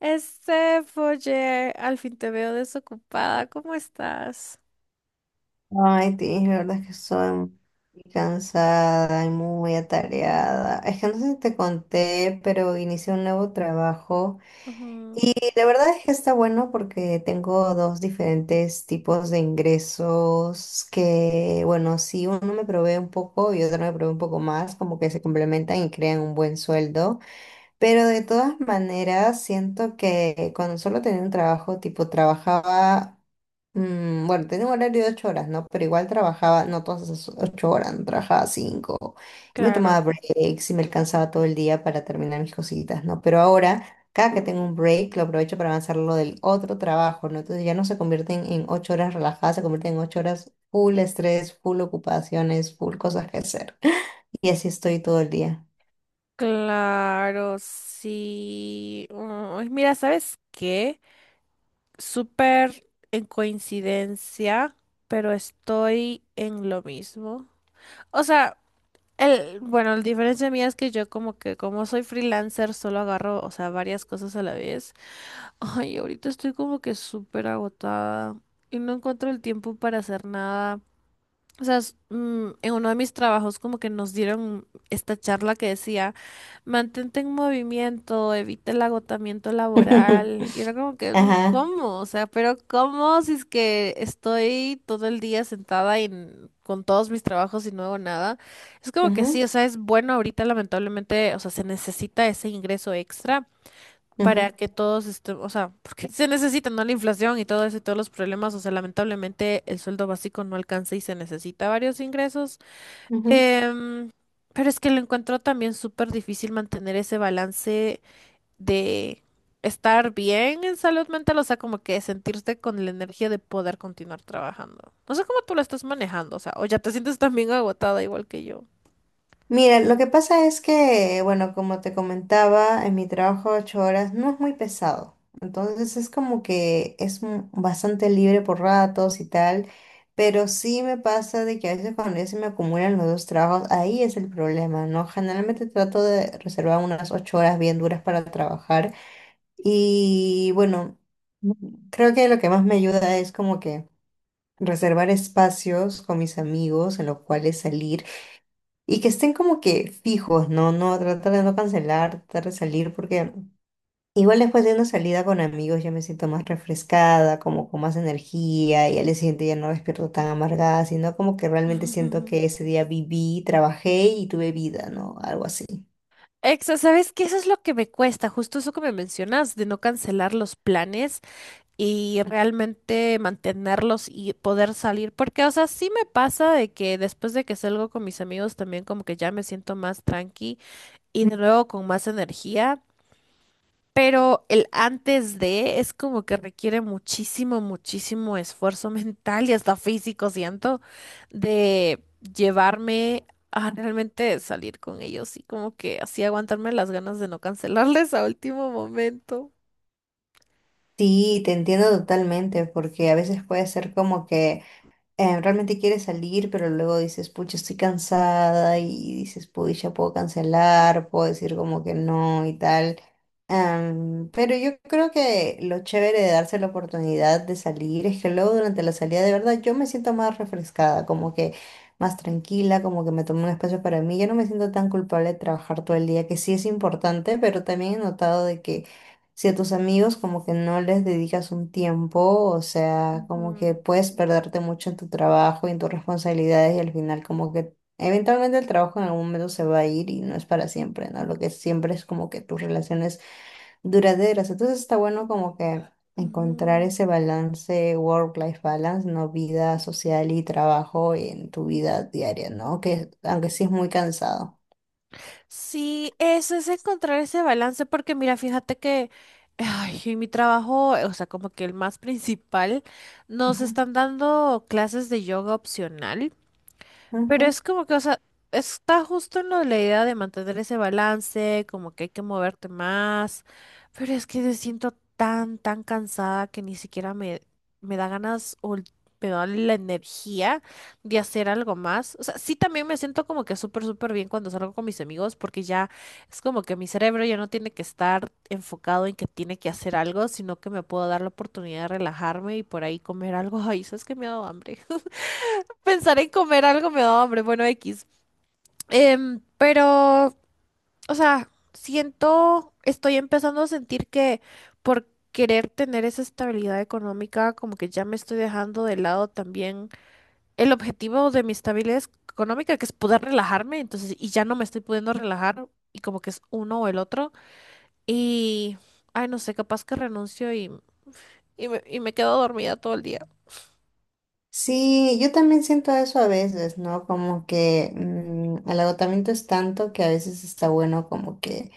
Este, Foyer, al fin te veo desocupada. ¿Cómo estás? Ay, Tiff, la verdad es que soy muy cansada y muy atareada. Es que no sé si te conté, pero inicié un nuevo trabajo. Ujú. Y la verdad es que está bueno porque tengo dos diferentes tipos de ingresos que, bueno, si uno me provee un poco y otro me provee un poco más, como que se complementan y crean un buen sueldo. Pero de todas maneras, siento que cuando solo tenía un trabajo, tipo trabajaba, bueno, tenía un horario de 8 horas, ¿no? Pero igual trabajaba, no todas esas 8 horas, no trabajaba cinco. Y me tomaba Claro, breaks y me alcanzaba todo el día para terminar mis cositas, ¿no? Pero ahora, cada que tengo un break, lo aprovecho para avanzar lo del otro trabajo, ¿no? Entonces ya no se convierten en 8 horas relajadas, se convierten en ocho horas full estrés, full ocupaciones, full cosas que hacer. Y así estoy todo el día. claro, sí. Uy, mira, ¿sabes qué? Súper en coincidencia, pero estoy en lo mismo. O sea, el, bueno, la diferencia mía es que yo como que como soy freelancer solo agarro, o sea, varias cosas a la vez. Ay, ahorita estoy como que súper agotada y no encuentro el tiempo para hacer nada. O sea, en uno de mis trabajos como que nos dieron esta charla que decía, mantente en movimiento, evita el agotamiento laboral. Y era como que, Ajá. ¿cómo? O sea, pero ¿cómo si es que estoy todo el día sentada y con todos mis trabajos y no hago nada? Es como que sí, o sea, es bueno ahorita lamentablemente, o sea, se necesita ese ingreso extra para Ujú, que todos estemos, o sea, porque se necesita, ¿no? La inflación y todo eso y todos los problemas, o sea, lamentablemente el sueldo básico no alcanza y se necesita varios ingresos. ujú. Em, pero es que lo encuentro también súper difícil mantener ese balance de estar bien en salud mental, o sea, como que sentirte con la energía de poder continuar trabajando. No sé cómo tú lo estás manejando, o sea, o ya te sientes también agotada igual que yo. Mira, lo que pasa es que, bueno, como te comentaba, en mi trabajo 8 horas no es muy pesado. Entonces es como que bastante libre por ratos y tal. Pero sí me pasa de que a veces cuando ya se me acumulan los dos trabajos, ahí es el problema, ¿no? Generalmente trato de reservar unas 8 horas bien duras para trabajar. Y bueno, creo que lo que más me ayuda es como que reservar espacios con mis amigos en los cuales salir. Y que estén como que fijos, ¿no? No, tratar de no cancelar, tratar de salir, porque igual después de una salida con amigos ya me siento más refrescada, como con más energía, y al día siguiente ya no despierto tan amargada, sino como que realmente siento que ese día viví, trabajé y tuve vida, ¿no? Algo así. Exa, ¿sabes qué? Eso es lo que me cuesta, justo eso que me mencionas, de no cancelar los planes. Y realmente mantenerlos y poder salir, porque, o sea, sí me pasa de que después de que salgo con mis amigos también como que ya me siento más tranqui y de nuevo con más energía, pero el antes de es como que requiere muchísimo, muchísimo esfuerzo mental y hasta físico, siento, de llevarme a realmente salir con ellos y como que así aguantarme las ganas de no cancelarles a último momento. Sí, te entiendo totalmente, porque a veces puede ser como que realmente quieres salir, pero luego dices, pucha, estoy cansada y dices, pucha, puedo cancelar, puedo decir como que no y tal. Pero yo creo que lo chévere de darse la oportunidad de salir es que luego durante la salida de verdad yo me siento más refrescada, como que más tranquila, como que me tomo un espacio para mí. Ya no me siento tan culpable de trabajar todo el día, que sí es importante, pero también he notado de que si a tus amigos como que no les dedicas un tiempo, o sea, como que Ujú, puedes perderte mucho en tu trabajo y en tus responsabilidades y al final como que eventualmente el trabajo en algún momento se va a ir y no es para siempre, ¿no? Lo que siempre es como que tus relaciones duraderas. Entonces está bueno como que encontrar ujú. ese balance, work-life balance, ¿no? Vida social y trabajo en tu vida diaria, ¿no? Que aunque sí es muy cansado. Sí, eso es encontrar ese balance, porque mira, fíjate que ay, en mi trabajo, o sea, como que el más principal, nos Ujú, están dando clases de yoga opcional. Pero ujú. es como que, o sea, está justo en lo de la idea de mantener ese balance, como que hay que moverte más, pero es que me siento tan, tan cansada que ni siquiera me, me da ganas o me da la energía de hacer algo más. O sea, sí también me siento como que súper, súper bien cuando salgo con mis amigos, porque ya es como que mi cerebro ya no tiene que estar enfocado en que tiene que hacer algo, sino que me puedo dar la oportunidad de relajarme y por ahí comer algo. Ay, sabes que me ha dado hambre. Pensar en comer algo me da hambre, bueno, X. Pero, o sea, siento, estoy empezando a sentir que por querer tener esa estabilidad económica, como que ya me estoy dejando de lado también el objetivo de mi estabilidad económica, que es poder relajarme, entonces, y ya no me estoy pudiendo relajar, y como que es uno o el otro, y, ay, no sé, capaz que renuncio y me quedo dormida todo el día. Sí, yo también siento eso a veces, ¿no? Como que el agotamiento es tanto que a veces está bueno como que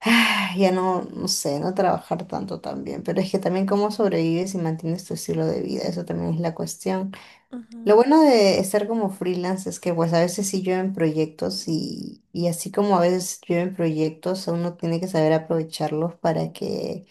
ah, ya no, no sé, no trabajar tanto también, pero es que también cómo sobrevives y mantienes tu estilo de vida, eso también es la cuestión. Lo Ujú. bueno de estar como freelance es que pues a veces sí llueven proyectos y así como a veces llueven proyectos, uno tiene que saber aprovecharlos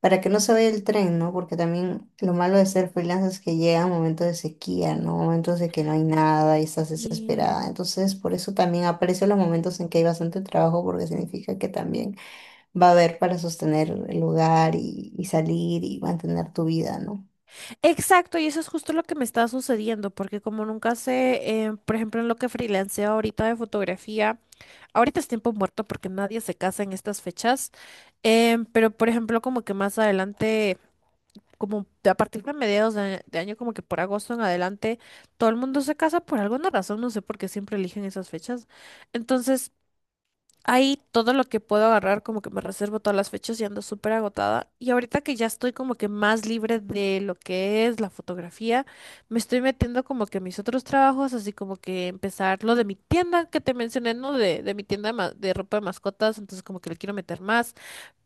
para que no se vaya el tren, ¿no? Porque también lo malo de ser freelance es que llegan momentos de sequía, ¿no? Momentos de que no hay nada y estás Y desesperada. Entonces, por eso también aprecio los momentos en que hay bastante trabajo, porque significa que también va a haber para sostener el hogar y salir y mantener tu vida, ¿no? exacto, y eso es justo lo que me está sucediendo, porque como nunca sé, por ejemplo, en lo que freelanceo ahorita de fotografía, ahorita es tiempo muerto porque nadie se casa en estas fechas, pero por ejemplo, como que más adelante, como a partir de mediados de año, como que por agosto en adelante, todo el mundo se casa por alguna razón, no sé por qué siempre eligen esas fechas. Entonces, ahí todo lo que puedo agarrar, como que me reservo todas las fechas y ando súper agotada. Y ahorita que ya estoy como que más libre de lo que es la fotografía, me estoy metiendo como que a mis otros trabajos, así como que empezar lo de mi tienda que te mencioné, ¿no? De mi tienda de, de ropa de mascotas, entonces como que le quiero meter más.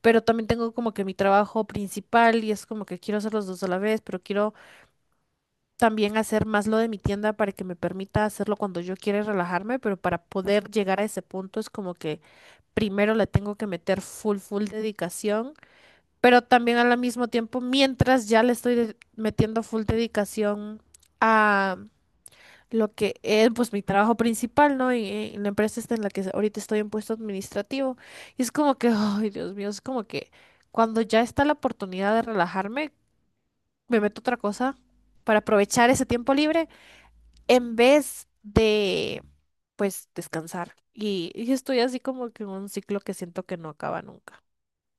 Pero también tengo como que mi trabajo principal y es como que quiero hacer los dos a la vez, pero quiero también hacer más lo de mi tienda para que me permita hacerlo cuando yo quiera y relajarme, pero para poder llegar a ese punto es como que primero le tengo que meter full, full dedicación, pero también al mismo tiempo, mientras ya le estoy metiendo full dedicación a lo que es pues mi trabajo principal, ¿no? Y la empresa está en la que ahorita estoy en puesto administrativo. Y es como que, ay, Dios mío, es como que cuando ya está la oportunidad de relajarme, me meto a otra cosa para aprovechar ese tiempo libre en vez de, pues, descansar. Y estoy así como que en un ciclo que siento que no acaba nunca.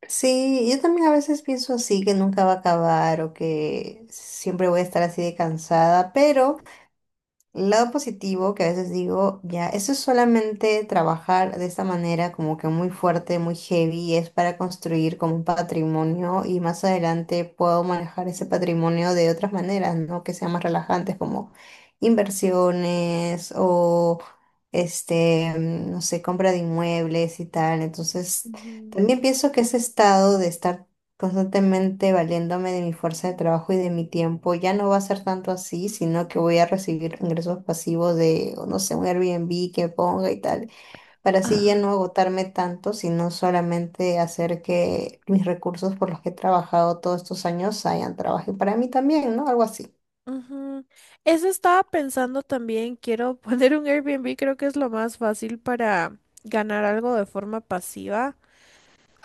Sí, yo también a veces pienso así, que nunca va a acabar o que siempre voy a estar así de cansada, pero... El lado positivo que a veces digo, ya, eso es solamente trabajar de esta manera como que muy fuerte, muy heavy, es para construir como un patrimonio y más adelante puedo manejar ese patrimonio de otras maneras, ¿no? Que sean más relajantes como inversiones o este, no sé, compra de inmuebles y tal. Entonces, Ujú. también pienso que ese estado de estar constantemente valiéndome de mi fuerza de trabajo y de mi tiempo. Ya no va a ser tanto así, sino que voy a recibir ingresos pasivos de, o no sé, un Airbnb que ponga y tal, para así ya no Ah, agotarme tanto, sino solamente hacer que mis recursos por los que he trabajado todos estos años hayan trabajo para mí también, ¿no? Algo así. ujú. Eso estaba pensando también. Quiero poner un Airbnb, creo que es lo más fácil para ganar algo de forma pasiva.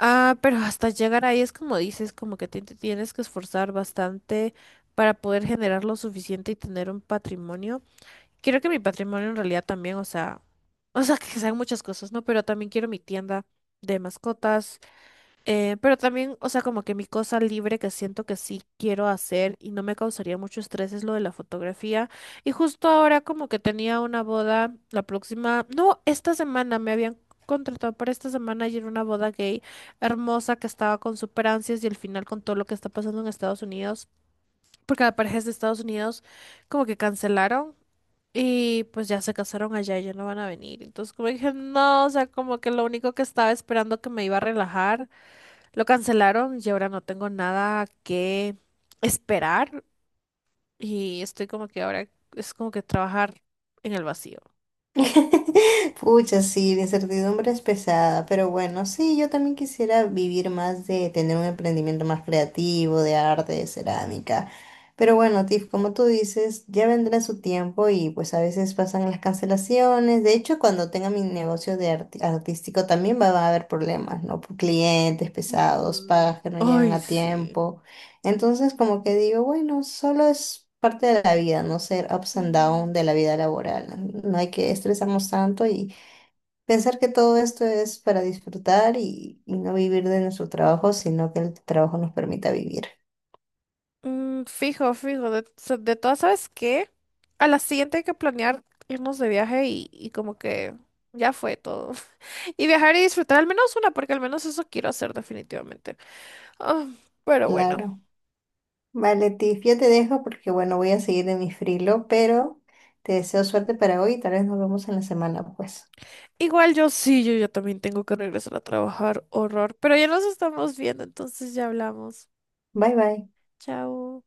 Ah, pero hasta llegar ahí es como dices, como que te tienes que esforzar bastante para poder generar lo suficiente y tener un patrimonio. Quiero que mi patrimonio en realidad también, o sea, que sean muchas cosas, ¿no? Pero también quiero mi tienda de mascotas. Pero también, o sea, como que mi cosa libre que siento que sí quiero hacer y no me causaría mucho estrés es lo de la fotografía. Y justo ahora como que tenía una boda la próxima, no, esta semana me habían contratado para esta semana y era una boda gay hermosa que estaba con super ansias y al final con todo lo que está pasando en Estados Unidos, porque la pareja es de Estados Unidos, como que cancelaron. Y pues ya se casaron allá y ya no van a venir. Entonces como dije, no, o sea, como que lo único que estaba esperando que me iba a relajar lo cancelaron y ahora no tengo nada que esperar y estoy como que ahora es como que trabajar en el vacío. Pucha, sí, la incertidumbre es pesada, pero bueno, sí, yo también quisiera vivir más de tener un emprendimiento más creativo, de arte, de cerámica. Pero bueno, Tiff, como tú dices, ya vendrá su tiempo y pues a veces pasan las cancelaciones. De hecho, cuando tenga mi negocio de artístico también va a haber problemas, ¿no? Por clientes pesados, Ujú. pagas que no llegan Ay, a sí. tiempo. Entonces, como que digo, bueno, solo es parte de la vida, no ser ups and down Mm. de la vida laboral. No hay que estresarnos tanto y pensar que todo esto es para disfrutar y no vivir de nuestro trabajo, sino que el trabajo nos permita vivir. Mm, fijo, fijo. De, de todas, ¿sabes qué? A la siguiente hay que planear irnos de viaje y como que ya fue todo. Y viajar y disfrutar al menos una, porque al menos eso quiero hacer definitivamente. Ah, pero bueno. Claro. Vale, Tiff, yo te dejo porque, bueno, voy a seguir en mi frilo, pero te deseo suerte para hoy y tal vez nos vemos en la semana, pues. Igual yo sí, yo ya también tengo que regresar a trabajar. Horror. Pero ya nos estamos viendo, entonces ya hablamos. Bye, bye. Chao.